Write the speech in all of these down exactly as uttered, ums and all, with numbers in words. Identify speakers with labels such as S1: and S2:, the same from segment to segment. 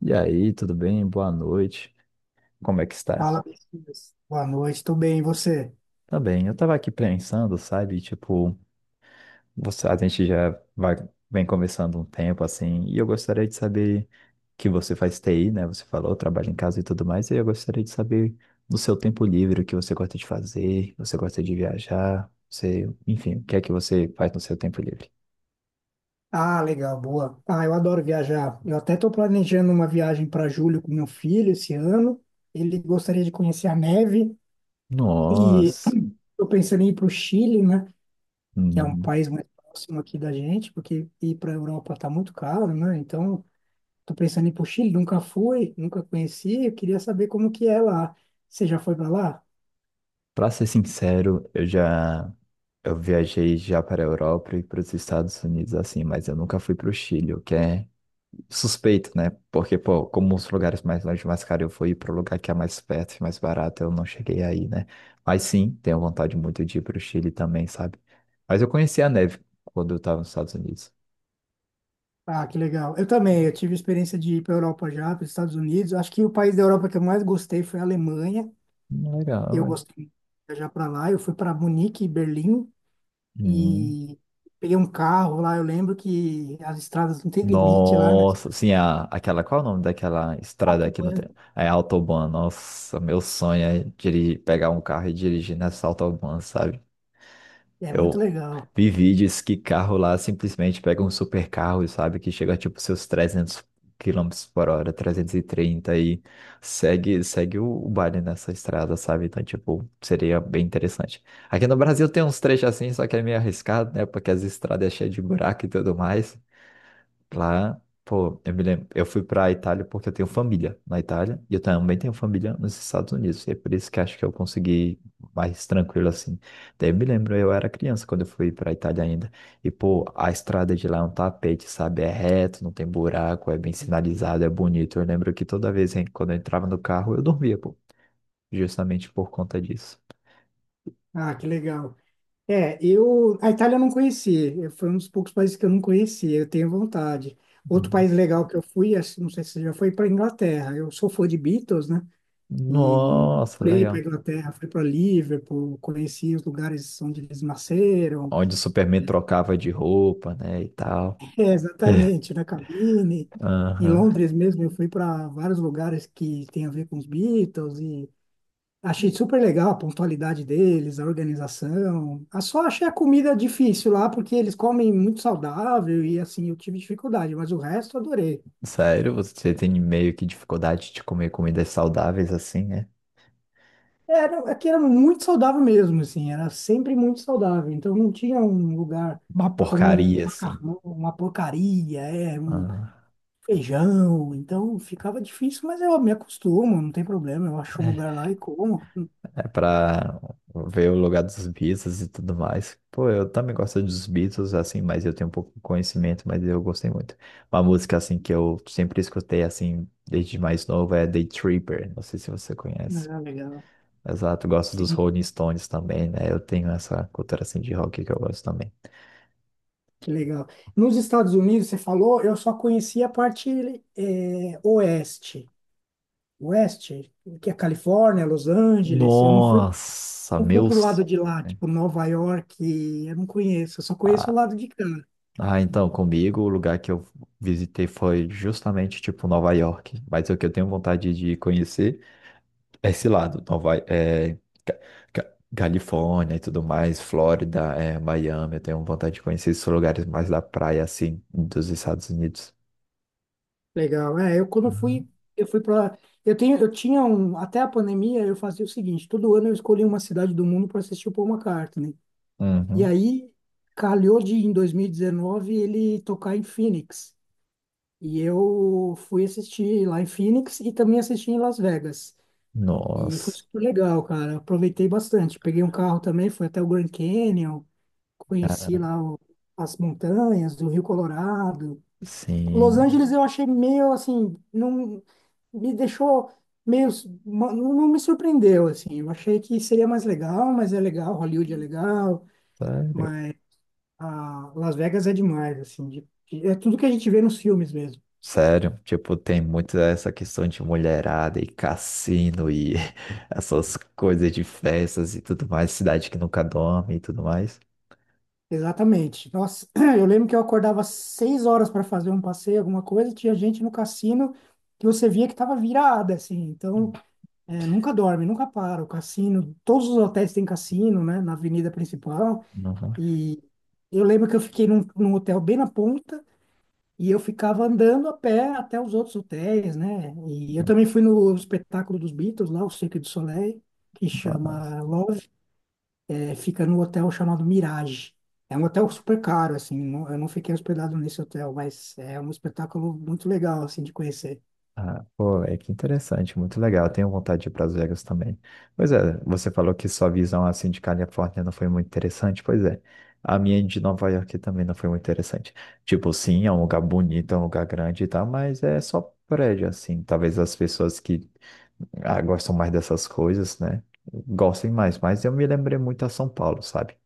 S1: E aí, tudo bem? Boa noite. Como é que está?
S2: Fala, Messias. Boa noite, tudo bem, e você?
S1: Tá bem. Eu tava aqui pensando, sabe? Tipo, você, a gente já vai, vem conversando um tempo assim, e eu gostaria de saber que você faz T I, né? Você falou, trabalha em casa e tudo mais, e eu gostaria de saber no seu tempo livre o que você gosta de fazer, você gosta de viajar, você, enfim, o que é que você faz no seu tempo livre?
S2: Ah, legal, boa. Ah, eu adoro viajar. Eu até estou planejando uma viagem para julho com meu filho esse ano. Ele gostaria de conhecer a neve e
S1: Nossa.
S2: estou pensando em ir para o Chile, né? Que é um país mais próximo aqui da gente, porque ir para a Europa está muito caro, né? Então, estou pensando em ir para o Chile. Nunca fui, nunca conheci. Eu queria saber como que é lá. Você já foi para lá?
S1: Pra ser sincero, eu já eu viajei já para a Europa e para os Estados Unidos assim, mas eu nunca fui para o Chile, o que é suspeito, né? Porque, pô, como os lugares mais longe, mais caro eu fui para o lugar que é mais perto e mais barato, eu não cheguei aí, né? Mas sim, tenho vontade muito de ir para o Chile também, sabe? Mas eu conheci a neve quando eu estava nos Estados Unidos.
S2: Ah, que legal. Eu também, eu tive experiência de ir para a Europa já, para os Estados Unidos. Acho que o país da Europa que eu mais gostei foi a Alemanha.
S1: Hum, Legal,
S2: Eu
S1: ué.
S2: gostei de viajar para lá. Eu fui para Munique e Berlim
S1: Hum.
S2: e peguei um carro lá. Eu lembro que as estradas não têm limite lá, né?
S1: Nossa, sim, a, aquela, qual é o nome daquela estrada aqui no
S2: Autobahn.
S1: tempo? É Autobahn, nossa, meu sonho é dirigir, pegar um carro e dirigir nessa Autobahn, sabe?
S2: É muito
S1: Eu
S2: legal.
S1: vi vídeos que carro lá simplesmente pega um super carro, sabe? Que chega tipo seus trezentos quilômetros por hora, trezentos e trinta e trinta e segue, segue o, o baile nessa estrada, sabe? Então, tipo, seria bem interessante. Aqui no Brasil tem uns trechos assim, só que é meio arriscado, né? Porque as estradas é cheias de buraco e tudo mais. Lá, pô, eu me lembro, eu fui pra Itália porque eu tenho família na Itália e eu também tenho família nos Estados Unidos. E é por isso que acho que eu consegui mais tranquilo assim. Daí eu me lembro, eu era criança quando eu fui pra Itália ainda. E, pô, a estrada de lá é um tapete, sabe? É reto, não tem buraco, é bem sinalizado, é bonito. Eu lembro que toda vez, hein, quando eu entrava no carro, eu dormia, pô, justamente por conta disso.
S2: Ah, que legal. É, eu a Itália eu não conheci. Eu- Foi um dos poucos países que eu não conheci. Eu tenho vontade. Outro
S1: Uhum.
S2: país legal que eu fui, acho- não sei se você já foi, para Inglaterra. Eu sou fã de Beatles, né? E
S1: Nossa,
S2: fui para
S1: legal.
S2: Inglaterra, fui para Liverpool, conheci os lugares onde eles nasceram.
S1: Onde o Superman trocava de roupa, né, e tal.
S2: É, exatamente, na cabine. Em
S1: Aham.
S2: Londres mesmo, eu fui para vários lugares que tem a ver com os Beatles e achei super legal a pontualidade deles, a organização. Ah, só achei a comida difícil lá, porque eles comem muito saudável e assim, eu tive dificuldade, mas o resto eu adorei.
S1: Sério, você tem meio que dificuldade de comer comidas saudáveis assim, né?
S2: Era, aqui era muito saudável mesmo, assim, era sempre muito saudável. Então não tinha um lugar
S1: Uma
S2: para comer um
S1: porcaria assim.
S2: macarrão, uma porcaria, é, um
S1: Ah,
S2: feijão. Então ficava difícil, mas eu me acostumo, não tem problema. Eu acho um
S1: é
S2: lugar lá e como.
S1: é pra ver o lugar dos Beatles e tudo mais. Pô, eu também gosto dos Beatles assim, mas eu tenho um pouco de conhecimento, mas eu gostei muito. Uma música assim que eu sempre escutei assim desde mais novo é The Tripper. Não sei se você conhece.
S2: Ah, legal.
S1: Exato, gosto dos
S2: Sim,
S1: Rolling Stones também, né? Eu tenho essa cultura assim de rock que eu gosto também.
S2: que legal. Nos Estados Unidos, você falou, eu só conhecia a parte é, oeste. West, que é Califórnia, Los Angeles. Eu não fui,
S1: Nossa,
S2: não fui pro
S1: meus.
S2: lado de lá,
S1: Né?
S2: tipo Nova York, eu não conheço, eu só conheço o
S1: Ah,
S2: lado de cá.
S1: ah, então, comigo, o lugar que eu visitei foi justamente, tipo, Nova York. Mas o que eu tenho vontade de conhecer é esse lado, Nova, é, Ca- Ca- Califórnia e tudo mais, Flórida, é, Miami. Eu tenho vontade de conhecer esses lugares mais da praia, assim, dos Estados Unidos.
S2: Legal. É, eu quando
S1: Uhum.
S2: fui, eu fui para eu tenho, eu tinha um, até a pandemia eu fazia o seguinte, todo ano eu escolhia uma cidade do mundo para assistir o Paul McCartney. E
S1: Uhum.
S2: aí calhou de em dois mil e dezenove ele tocar em Phoenix. E eu fui assistir lá em Phoenix e também assisti em Las Vegas. E foi
S1: Nossa,
S2: super legal, cara. Aproveitei bastante. Peguei um carro também, fui até o Grand Canyon, conheci
S1: cara,
S2: lá o- as montanhas do Rio Colorado. Los
S1: sim.
S2: Angeles eu achei meio assim, não me deixou meio, ma- não não me surpreendeu assim. Eu achei que seria mais legal, mas é legal, Hollywood é legal,
S1: Sério.
S2: mas a Las Vegas é demais assim. de- de- É tudo que a gente vê nos filmes mesmo.
S1: Sério, tipo, tem muito essa questão de mulherada e cassino e essas coisas de festas e tudo mais, cidade que nunca dorme e tudo mais.
S2: Exatamente. Nossa, eu lembro que eu acordava às seis horas para fazer um passeio, alguma coisa, tinha gente no cassino que você via que estava virada, assim. Então, é, nunca dorme, nunca para. O cassino, todos os hotéis têm cassino, né, na avenida principal.
S1: Não, não,
S2: E eu lembro que eu fiquei num, num hotel bem na ponta e eu ficava andando a pé até os outros hotéis, né? E eu também fui no espetáculo dos Beatles lá, o Cirque du Soleil, que
S1: mas-
S2: chama é, fica no hotel chamado Mirage. É um hotel super caro, assim, não- eu não fiquei hospedado nesse hotel, mas é um espetáculo muito legal, assim, de conhecer.
S1: ah, pô, é que interessante, muito legal. Eu tenho vontade de ir para Las Vegas também. Pois é, você falou que sua visão assim de Califórnia não foi muito interessante. Pois é, a minha de Nova York também não foi muito interessante. Tipo, sim, é um lugar bonito, é um lugar grande e tal, mas é só prédio assim. Talvez as pessoas que ah, gostam mais dessas coisas, né? Gostem mais, mas eu me lembrei muito a São Paulo, sabe?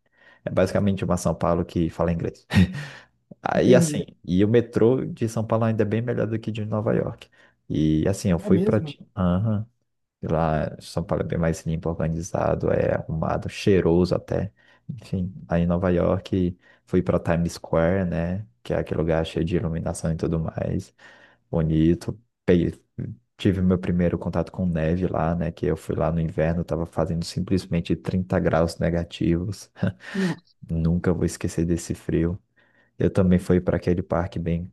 S1: É basicamente uma São Paulo que fala inglês. Aí assim,
S2: Entendi.
S1: e o metrô de São Paulo ainda é bem melhor do que de Nova York. E assim, eu
S2: É
S1: fui para
S2: mesmo?
S1: lá, São Paulo é bem mais limpo, organizado, é arrumado, cheiroso até. Enfim, aí em Nova York fui para Times Square, né? Que é aquele lugar cheio de iluminação e tudo mais. Bonito. Peguei- tive meu primeiro contato com neve lá, né? Que eu fui lá no inverno, tava fazendo simplesmente trinta graus negativos.
S2: Nossa,
S1: Nunca vou esquecer desse frio. Eu também fui para aquele parque bem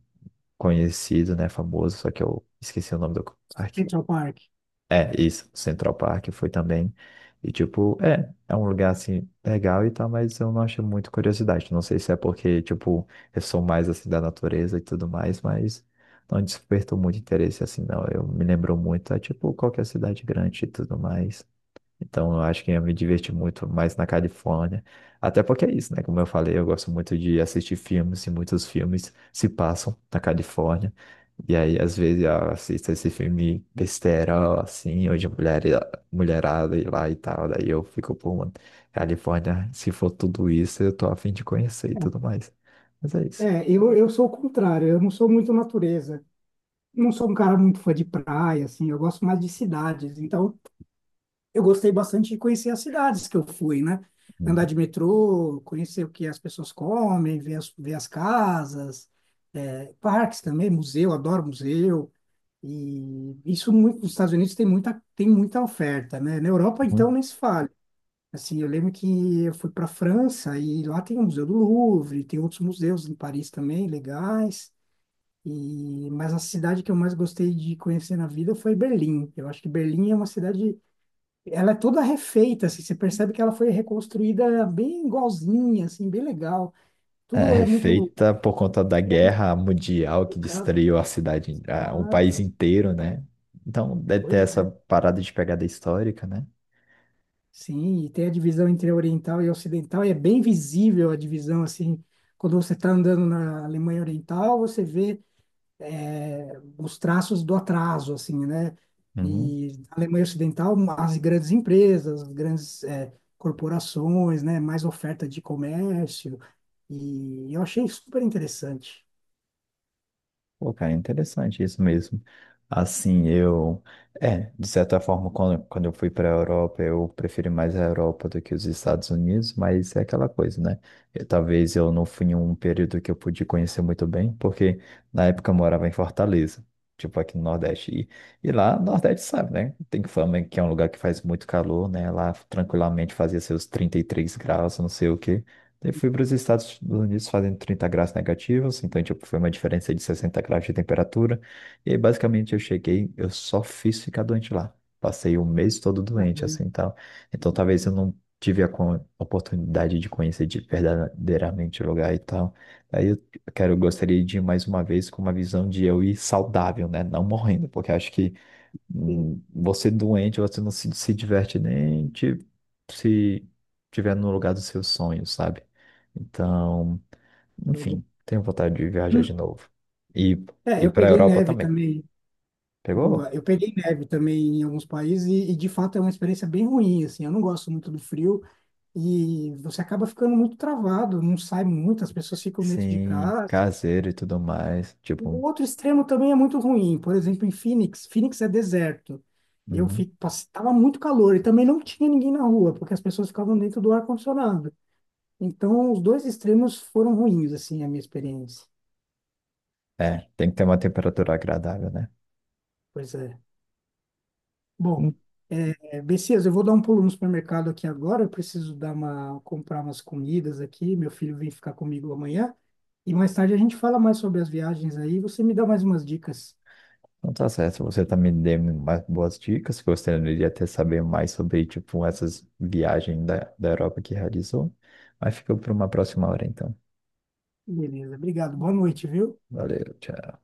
S1: conhecido, né? Famoso, só que eu esqueci o nome do parque.
S2: Central Park.
S1: É, isso, Central Park foi também. E tipo, é, é um lugar assim legal e tal, mas eu não acho muito curiosidade. Não sei se é porque, tipo, eu sou mais assim da natureza e tudo mais, mas não despertou muito interesse assim, não. Eu me lembro muito, é tipo qualquer cidade grande e tudo mais. Então, eu acho que ia me divertir muito mais na Califórnia. Até porque é isso, né? Como eu falei, eu gosto muito de assistir filmes e muitos filmes se passam na Califórnia. E aí, às vezes, eu assisto esse filme besteira, assim, ou de mulher, mulherada e lá e tal. Daí eu fico, pô, mano, Califórnia, se for tudo isso, eu tô a fim de conhecer e tudo mais. Mas é
S2: É,
S1: isso.
S2: é, eu, eu sou o contrário, eu não sou muito natureza. Não sou um cara muito fã de praia, assim, eu gosto mais de cidades. Então, eu gostei bastante de conhecer as cidades que eu fui, né? Andar de metrô, conhecer o que as pessoas comem, ver as, ver as casas, é, parques também, museu, adoro museu. E isso muito, nos Estados Unidos tem muita, tem muita oferta, né? Na Europa, então,
S1: Uhum.
S2: nem se fala. Assim, eu lembro que eu fui para a França e lá tem o Museu do Louvre, tem outros museus em Paris também legais. E, mas a cidade que eu mais gostei de conhecer na vida foi Berlim. Eu acho que Berlim é uma cidade, ela é toda refeita, assim, você percebe que ela foi reconstruída bem igualzinha, assim, bem legal. Tudo é
S1: É
S2: muito...
S1: feita por conta da guerra mundial que destruiu a cidade, a- o país
S2: Exato,
S1: inteiro, né? Então, deve ter
S2: pois
S1: essa
S2: é.
S1: parada de pegada histórica, né?
S2: Sim, e tem a divisão entre oriental e ocidental, e é bem visível a divisão, assim, quando você está andando na Alemanha Oriental, você vê eh, os traços do atraso, assim, né?
S1: Uhum.
S2: E na Alemanha Ocidental, as grandes empresas, as grandes eh, corporações, né? Mais oferta de comércio, e eu achei super interessante.
S1: Pô, cara, interessante isso mesmo. Assim, eu. É, de certa forma, quando, quando eu fui para a Europa, eu preferi mais a Europa do que os Estados Unidos, mas é aquela coisa, né? Eu- talvez eu não fui em um período que eu pude conhecer muito bem, porque na época eu morava em Fortaleza, tipo aqui no Nordeste. E, e lá, no Nordeste, sabe, né? Tem fama que é um lugar que faz muito calor, né? Lá tranquilamente fazia seus trinta e três graus, não sei o quê. Eu fui para os Estados Unidos fazendo trinta graus negativos, então tipo, foi uma diferença de sessenta graus de temperatura. E aí, basicamente eu cheguei, eu só fiz ficar doente lá. Passei o mês todo doente,
S2: Eu-
S1: assim, e tal. Então talvez eu não tive a co- oportunidade de conhecer de verdadeiramente o lugar e tal. Aí eu quero, gostaria de ir mais uma vez com uma visão de eu ir saudável, né? Não morrendo, porque acho que
S2: eu-
S1: hum, você doente, você não se, se diverte nem te- se tiver no lugar dos seus sonhos, sabe? Então, enfim, tenho vontade de viajar de novo. E,
S2: É,
S1: e
S2: eu
S1: para a
S2: peguei
S1: Europa
S2: neve
S1: também.
S2: também. Boa,
S1: Pegou?
S2: eu peguei neve também em alguns países e, e, de fato é uma experiência bem ruim, assim, eu não gosto muito do frio e você acaba ficando muito travado, não sai muito, as pessoas ficam dentro de
S1: Sim,
S2: casa.
S1: caseiro e tudo mais. Tipo,
S2: O outro extremo também é muito ruim, por exemplo, em Phoenix, Phoenix é deserto, eu
S1: uhum.
S2: fico, pass- tava muito calor e também não tinha ninguém na rua, porque as pessoas ficavam dentro do ar-condicionado, então os dois extremos foram ruins, assim, a minha experiência,
S1: É, tem que ter uma temperatura agradável, né?
S2: pois é. Bom,
S1: Então
S2: é, Bessias, eu vou dar um pulo no supermercado aqui agora. Eu preciso dar uma, comprar umas comidas aqui. Meu filho vem ficar comigo amanhã. E mais tarde a gente fala mais sobre as viagens aí. Você me dá mais umas dicas.
S1: tá certo. Você também deu mais boas dicas. Gostaria de até saber mais sobre, tipo, essas viagens da, da Europa que realizou. Mas fica para uma próxima hora, então.
S2: Beleza, obrigado. Boa noite, viu?
S1: Valeu, tchau.